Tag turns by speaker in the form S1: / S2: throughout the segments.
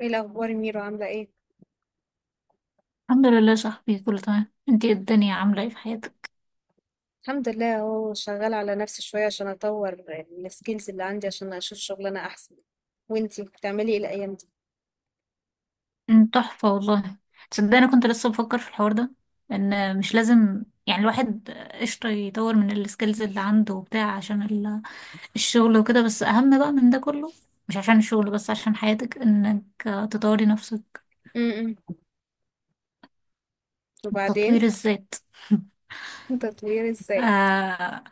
S1: ايه الاخبار يا ميرو، عامله ايه؟
S2: الحمد لله يا صاحبي، كله تمام. انتي ايه؟ الدنيا عاملة ايه في حياتك؟
S1: الحمد لله اهو، شغاله على نفسي شويه عشان اطور السكيلز اللي عندي عشان اشوف شغلانه احسن. وانتي بتعملي ايه الايام دي؟
S2: تحفة والله. تصدقني انا كنت لسه بفكر في الحوار ده، ان مش لازم يعني الواحد، قشطة، يطور من السكيلز اللي عنده وبتاع عشان الشغل وكده. بس اهم بقى من ده كله، مش عشان الشغل بس، عشان حياتك، انك تطوري نفسك.
S1: امم.
S2: تطوير
S1: وبعدين؟
S2: الذات.
S1: تطوير ازاي؟
S2: آه،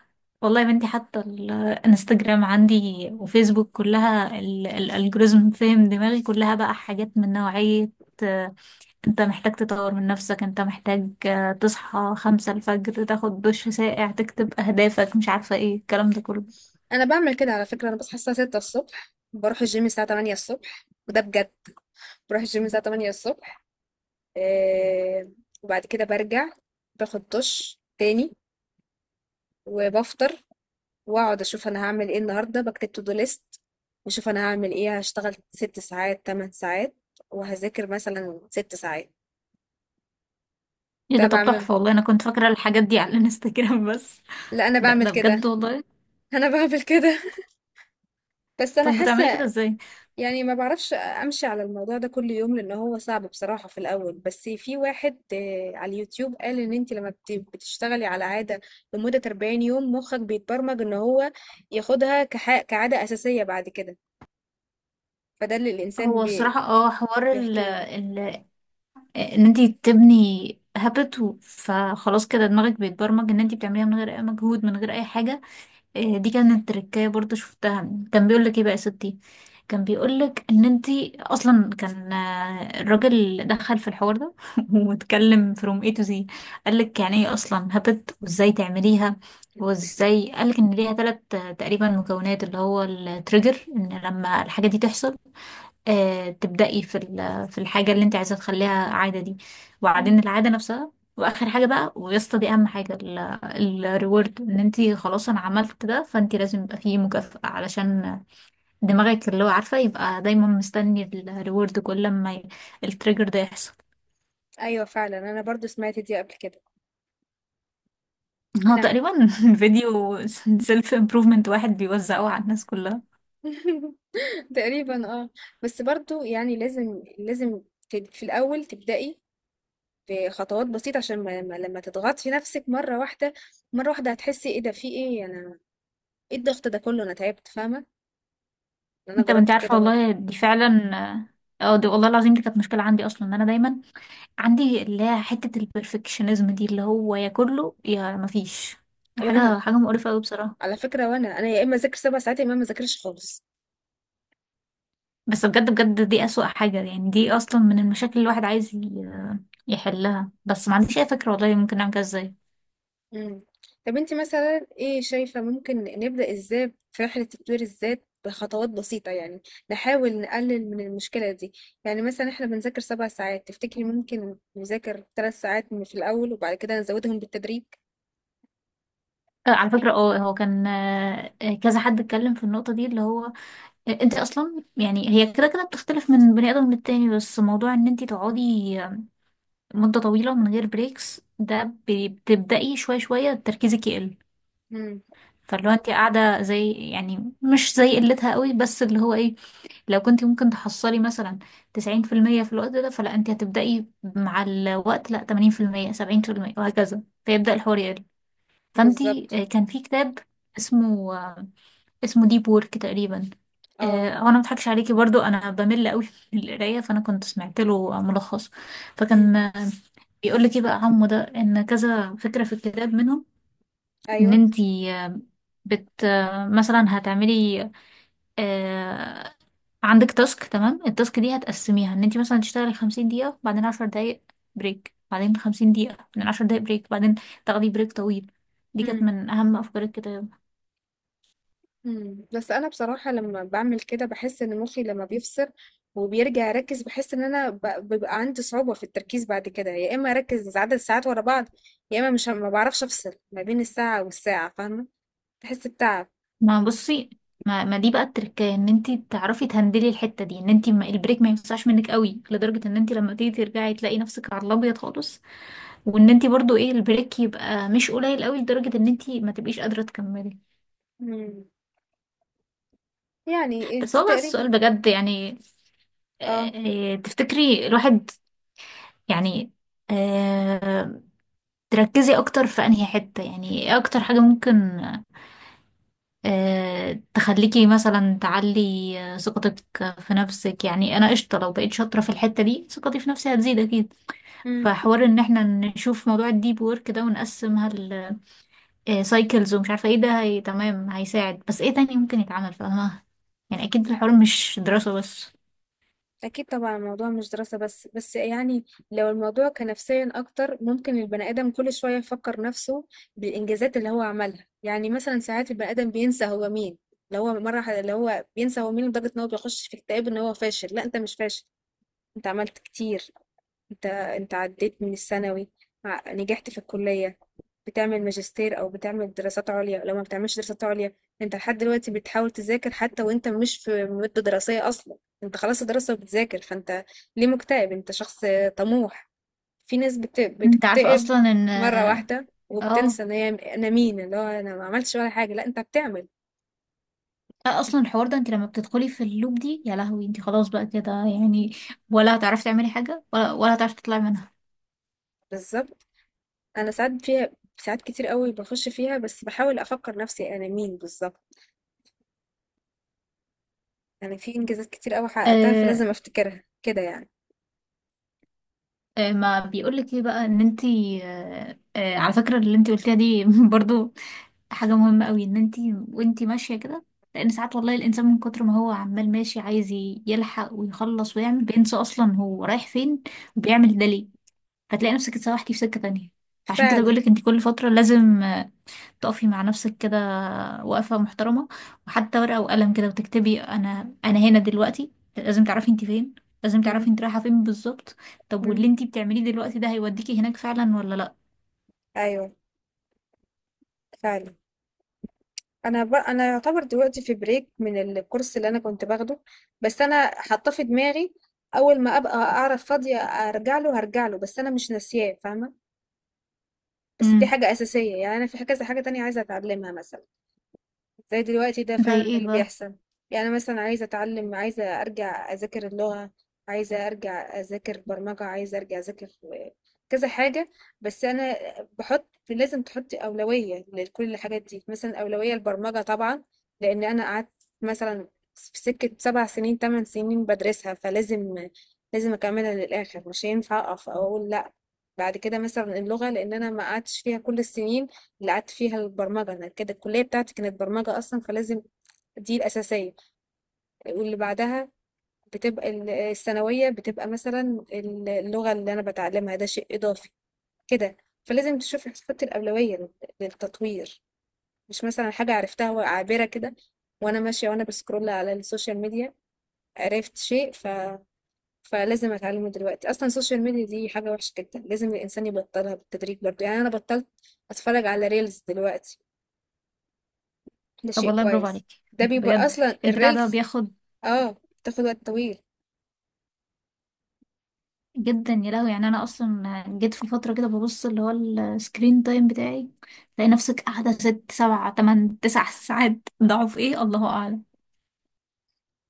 S2: والله يا بنتي حتى الانستجرام عندي وفيسبوك كلها الالجوريزم فهم دماغي، كلها بقى حاجات من نوعية آه، انت محتاج تطور من نفسك، انت محتاج تصحى خمسة الفجر، تاخد دش ساقع، تكتب اهدافك، مش عارفة ايه الكلام ده كله.
S1: انا بعمل كده على فكره. انا بصحى الساعه 6 الصبح، بروح الجيم الساعه 8 الصبح، وده بجد. بروح الجيم الساعه 8 الصبح. آه. وبعد كده برجع، باخد دش تاني، وبفطر، واقعد اشوف انا هعمل ايه النهارده، بكتب تو دو ليست واشوف انا هعمل ايه، هشتغل 6 ساعات 8 ساعات، وهذاكر مثلا 6 ساعات.
S2: ايه
S1: ده
S2: ده؟ طب
S1: بعمل
S2: تحفة والله. انا كنت فاكرة الحاجات دي على الانستجرام بس.
S1: لا انا
S2: ده
S1: بعمل
S2: ده
S1: كده.
S2: بجد والله.
S1: انا بعمل كده. بس انا
S2: طب بتعملي كده
S1: حاسه.
S2: ازاي؟
S1: يعني ما بعرفش امشي على الموضوع ده كل يوم لان هو صعب بصراحه في الاول. بس في واحد على اليوتيوب قال ان انت لما بتشتغلي على عاده لمده 40 يوم مخك بيتبرمج ان هو ياخدها كعاده اساسيه بعد كده. فده اللي الانسان
S2: هو الصراحة اه حوار
S1: بيحكيه.
S2: ان انت تبني هابت. فخلاص كده دماغك بيتبرمج ان انت بتعمليها من غير اي مجهود، من غير اي حاجه. آه، دي كانت تركايه برضو شفتها. كان بيقول لك ايه بقى يا ستي، كان بيقول لك ان انت اصلا كان الراجل دخل في الحوار ده واتكلم from A to Z. قال لك يعني ايه اصلا هابت، وازاي تعمليها، وازاي قال لك ان ليها ثلاث تقريبا مكونات. اللي هو التريجر، ان لما الحاجه دي تحصل تبدأي في في الحاجة اللي انت عايزة تخليها عادة دي، وبعدين العادة نفسها، واخر حاجة بقى ويا اسطى دي اهم حاجة، الريورد. ان انت خلاص انا عملت ده، فانت لازم يبقى فيه مكافأة علشان دماغك اللي هو عارفة يبقى دايما مستني الريورد كل ما التريجر ده يحصل.
S1: ايوه فعلا، انا برضو سمعت دي قبل كده.
S2: هو
S1: انا
S2: تقريبا فيديو سيلف امبروفمنت واحد بيوزعه على الناس كلها.
S1: تقريبا اه. بس برضو يعني لازم في الاول تبدأي بخطوات بسيطة عشان لما تضغطي في نفسك مرة واحدة مرة واحدة هتحسي ايه ده في ايه انا ايه الضغط ده كله انا تعبت، فاهمة. انا
S2: انت ما انت
S1: جربت
S2: عارفة
S1: كده برضو.
S2: والله دي فعلا، اه دي والله العظيم دي كانت مشكلة عندي اصلا، ان انا دايما عندي اللي هي حتة البرفكشنزم دي، اللي هو يا كله يا مفيش
S1: وانا
S2: حاجة. حاجة مقرفة أوي بصراحة.
S1: على فكرة وانا يا اما اذاكر 7 ساعات يا اما ما اذاكرش خالص.
S2: بس بجد بجد دي أسوأ حاجة يعني، دي أصلا من المشاكل اللي الواحد عايز يحلها، بس ما عنديش أي فكرة والله ممكن نعمل كده ازاي.
S1: مم. طب انت مثلا ايه شايفة ممكن نبدأ ازاي في رحلة تطوير الذات بخطوات بسيطة يعني، نحاول نقلل من المشكلة دي. يعني مثلا احنا بنذاكر 7 ساعات، تفتكري ممكن نذاكر 3 ساعات من في الأول وبعد كده نزودهم بالتدريج؟
S2: على فكرة هو كان كذا حد اتكلم في النقطة دي، اللي هو انت اصلا يعني هي كده كده بتختلف من بني ادم للتاني، بس موضوع ان انت تقعدي آه، مدة طويلة من غير بريكس، ده بتبدأي شوية شوية تركيزك يقل.
S1: مم.
S2: فاللي هو انت قاعده زي يعني، مش زي قلتها قوي، بس اللي هو ايه، لو كنت ممكن تحصلي مثلا 90% في المية في الوقت ده، فلا انت هتبدأي مع الوقت لا 80%، 70%، وهكذا، فيبدأ الحوار يقل. فانت
S1: بالظبط.
S2: آه، كان في كتاب اسمه اسمه ديب وورك تقريبا.
S1: اه.
S2: هو انا مضحكش عليكي برضو، انا بمل قوي من القرايه، فانا كنت سمعت له ملخص،
S1: مم.
S2: فكان بيقول لك ايه بقى عمو ده، ان كذا فكره في الكتاب منهم، ان
S1: ايوه.
S2: انتي آه، بت آه، مثلا هتعملي آه، عندك تاسك. تمام. التاسك دي هتقسميها، ان انتي مثلا تشتغلي 50 دقيقة، بعدين 10 دقايق بريك، بعدين 50 دقيقة، بعدين عشر دقايق بريك، بعدين تاخدي بريك طويل. دي كانت من أهم أفكار الكتاب.
S1: إمم، بس أنا بصراحة لمّا باعمل كده باحس إن مُخّي لمّا بيفصل وبيرجع يركّز، باحس إن أنا بيبقى عندي صعوبة في التركيز بعد كده، يا إما أركّز عدد ساعات ورا بعض، يا إما مش ه ما باعرفش أفصل ما بين الساعة والساعة، فاهمة؟ باحس بتعب.
S2: ما بصي، ما دي بقى التركية، ان انتي تعرفي تهندلي الحتة دي، ان انتي ما البريك ما يوسعش منك قوي لدرجة ان انتي لما تيجي ترجعي تلاقي نفسك على الأبيض خالص، وان انتي برضو ايه البريك يبقى مش قليل قوي لدرجة ان انتي ما تبقيش قادرة تكملي.
S1: إمم، يعني
S2: بس
S1: دي
S2: هو بقى السؤال
S1: تقريبًا.
S2: بجد يعني،
S1: آه.
S2: تفتكري الواحد يعني آه، تركزي اكتر في انهي حتة، يعني ايه اكتر حاجة ممكن تخليكي مثلا تعلي ثقتك في نفسك، يعني انا قشطة لو بقيت شاطرة في الحتة دي ثقتي في نفسي هتزيد اكيد.
S1: إمم.
S2: فحوار ان احنا نشوف موضوع الديب وورك ده ونقسمها السايكلز ومش عارفة ايه ده، هي تمام هيساعد، بس ايه تاني ممكن يتعمل فاهمة؟ يعني اكيد الحوار مش دراسة بس.
S1: أكيد طبعا، الموضوع مش دراسة بس. بس يعني لو الموضوع كان نفسيا أكتر ممكن البني آدم كل شوية يفكر نفسه بالإنجازات اللي هو عملها. يعني مثلا ساعات البني آدم بينسى هو مين، اللي هو بينسى هو مين لدرجة إن هو بيخش في اكتئاب إن هو فاشل. لا أنت مش فاشل، أنت عملت كتير. انت عديت من الثانوي، نجحت في الكلية، بتعمل ماجستير او بتعمل دراسات عليا، لو ما بتعملش دراسات عليا انت لحد دلوقتي بتحاول تذاكر حتى وانت مش في مدة دراسية اصلا. انت خلاص الدراسة وبتذاكر، فانت ليه مكتئب؟ انت شخص طموح. في ناس
S2: انت عارفة
S1: بتكتئب
S2: اصلا ان
S1: مرة واحدة
S2: اه
S1: وبتنسى ان هي انا مين، اللي هو انا ما عملتش ولا حاجة. لا انت بتعمل.
S2: لا، اصلا الحوار ده انت لما بتدخلي في اللوب دي يا لهوي، انت خلاص بقى كده يعني، ولا هتعرفي تعملي حاجة، ولا هتعرفي تطلعي منها.
S1: بالظبط. انا ساعات فيها، ساعات كتير قوي بخش فيها، بس بحاول افكر نفسي انا مين بالظبط. يعني في انجازات كتير قوي حققتها
S2: آه
S1: فلازم افتكرها كده يعني.
S2: ما بيقولك ايه بقى ان انت على فكرة اللي انت قلتيها دي برضو حاجة مهمة قوي، ان انت وانت ماشية كده، لان ساعات والله الانسان من كتر ما هو عمال ماشي عايز يلحق ويخلص ويعمل، بينسى اصلا هو رايح فين وبيعمل ده ليه، فتلاقي نفسك اتسوحتي في سكة تانية. عشان كده
S1: فعلا.
S2: بيقولك انت كل فترة لازم تقفي مع نفسك كده وقفة محترمة، وحتى ورقة وقلم كده وتكتبي، أنا هنا دلوقتي، لازم تعرفي انت فين، لازم
S1: مم.
S2: تعرفي انت رايحة فين بالظبط. طب
S1: مم.
S2: واللي انت بتعمليه دلوقتي ده هيوديكي هناك فعلا ولا لأ؟
S1: ايوه، فعلا. انا انا يعتبر دلوقتي في بريك من الكورس اللي انا كنت باخده. بس انا حاطه في دماغي اول ما ابقى اعرف فاضيه ارجع له، هرجع له بس انا مش ناسياه، فاهمه. بس دي
S2: امم
S1: حاجه اساسيه. يعني انا في كذا حاجه تانية عايزه اتعلمها مثلا، زي دلوقتي ده
S2: زي
S1: فعلا
S2: ايه
S1: اللي
S2: بقى؟
S1: بيحصل. يعني أنا مثلا عايزة أتعلم، عايزة أرجع أذاكر اللغة، عايزة أرجع أذاكر برمجة، عايزة أرجع أذاكر كذا حاجة. بس أنا لازم تحطي أولوية لكل الحاجات دي. مثلا أولوية البرمجة طبعا، لأن أنا قعدت مثلا في سكة 7 سنين 8 سنين بدرسها، فلازم أكملها للآخر، مش هينفع أقف أو أقول لأ. بعد كده مثلا اللغة، لأن أنا ما قعدتش فيها كل السنين اللي قعدت فيها البرمجة. أنا كده الكلية بتاعتي كانت برمجة أصلا فلازم، دي الأساسية. واللي بعدها بتبقى الثانوية، بتبقى مثلا اللغة اللي أنا بتعلمها ده شيء إضافي كده. فلازم تشوف تحط الأولوية للتطوير، مش مثلا حاجة عرفتها وعابرة كده وأنا ماشية وأنا بسكرول على السوشيال ميديا، عرفت شيء فلازم أتعلمه دلوقتي. أصلا السوشيال ميديا دي حاجة وحشة جدا، لازم الإنسان يبطلها بالتدريج برضه. يعني أنا بطلت أتفرج على ريلز دلوقتي، ده
S2: طب
S1: شيء
S2: والله برافو
S1: كويس.
S2: عليكي
S1: ده بيبقى
S2: بجد.
S1: اصلا
S2: البتاع ده
S1: الريلز،
S2: بياخد
S1: اه، بتاخد وقت طويل،
S2: جدا يا لهوي، يعني انا اصلا جيت في فتره كده ببص اللي هو السكرين تايم بتاعي، تلاقي نفسك قاعده ست سبع تمن تسع ساعات، ضعف ايه الله اعلم.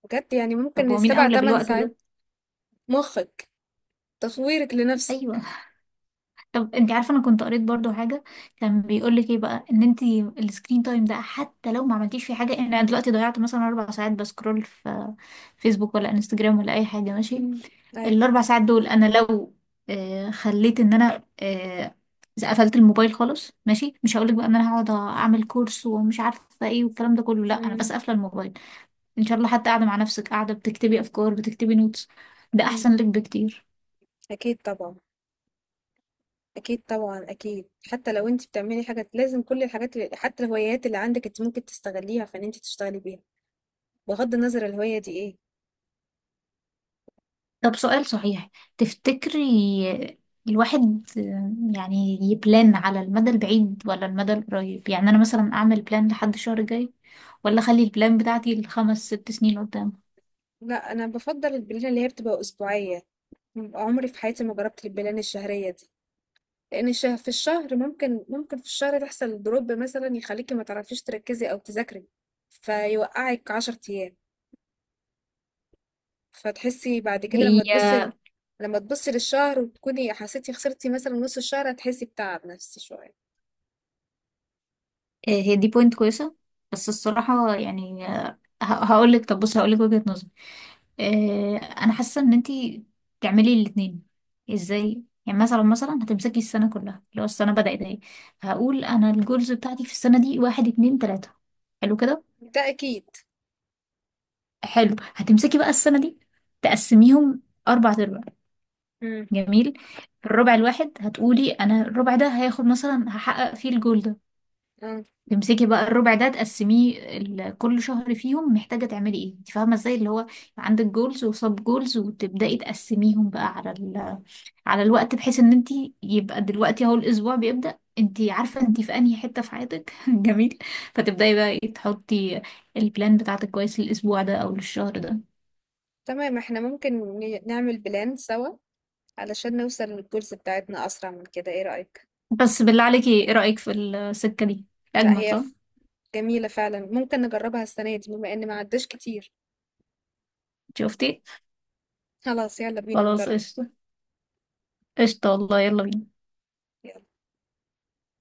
S1: بجد. يعني
S2: طب
S1: ممكن
S2: هو مين
S1: سبع
S2: اولى
S1: تمن
S2: بالوقت ده؟
S1: ساعات. مخك، تصويرك لنفسك.
S2: ايوه. طب انت عارفه انا كنت قريت برضو حاجه، كان بيقول لك ايه بقى ان انت السكرين تايم ده حتى لو ما عملتيش فيه حاجه، يعني انا دلوقتي ضيعت مثلا 4 ساعات بسكرول في فيسبوك ولا انستجرام ولا اي حاجه ماشي،
S1: مم. ايوه.
S2: ال4 ساعات دول انا لو خليت ان انا قفلت الموبايل خالص، ماشي، مش هقولك بقى ان انا هقعد اعمل كورس ومش عارفه ايه والكلام ده كله، لا، انا
S1: مم.
S2: بس قافله الموبايل ان شاء الله، حتى قاعده مع نفسك قاعده بتكتبي افكار، بتكتبي نوتس، ده
S1: مم.
S2: احسن لك بكتير.
S1: اكيد طبعا. اكيد طبعا، اكيد. حتى لو انت بتعملي حاجه لازم كل الحاجات اللي حتى الهوايات اللي عندك انت ممكن تستغليها فان انت تشتغلي بيها، بغض النظر الهوايه دي ايه.
S2: طب سؤال صحيح، تفتكري الواحد يعني يبلان على المدى البعيد ولا المدى القريب؟ يعني انا مثلا اعمل بلان لحد الشهر الجاي، ولا اخلي البلان بتاعتي لخمس ست سنين قدام؟
S1: لا، انا بفضل البلان اللي هي بتبقى اسبوعيه. عمري في حياتي ما جربت البلان الشهريه دي، لان في الشهر ممكن في الشهر تحصل دروب مثلا يخليكي ما تعرفيش تركزي او تذاكري فيوقعك 10 ايام. فتحسي بعد كده لما
S2: هي
S1: تبصي لما تبصي للشهر وتكوني حسيتي خسرتي مثلا نص الشهر، هتحسي بتعب نفسي شوية.
S2: هي دي بوينت كويسة. بس الصراحة يعني هقول لك، طب بص هقول لك وجهة نظري، انا حاسة ان انتي تعملي الاتنين. ازاي يعني؟ مثلا هتمسكي السنة كلها، لو السنة بدأت اهي، هقول انا الجولز بتاعتي في السنة دي واحد اتنين تلاتة، حلو كده.
S1: ده اكيد.
S2: حلو، هتمسكي بقى السنة دي تقسميهم أربع أرباع،
S1: امم.
S2: جميل. الربع الواحد هتقولي أنا الربع ده هياخد مثلا، هحقق فيه الجول ده،
S1: آه.
S2: تمسكي بقى الربع ده تقسميه كل شهر فيهم محتاجة تعملي ايه، انت فاهمة ازاي اللي هو، يبقى عندك جولز وسب جولز، وتبدأي تقسميهم بقى على الوقت، بحيث ان انت يبقى دلوقتي اهو الاسبوع بيبدأ، انت عارفة انت في انهي حتة في حياتك جميل. فتبدأي بقى ايه تحطي البلان بتاعتك كويس للاسبوع ده او للشهر ده.
S1: تمام، احنا ممكن نعمل بلان سوا علشان نوصل للجولز بتاعتنا اسرع من كده، ايه رأيك؟
S2: بس بالله عليكي ايه رأيك في السكة دي؟
S1: لا،
S2: اجمد صح؟
S1: جميلة فعلا، ممكن نجربها السنة دي بما ان ما عداش كتير.
S2: شفتي.
S1: خلاص يلا بينا
S2: خلاص
S1: نجرب.
S2: قشطة. قشطة والله يلا بينا.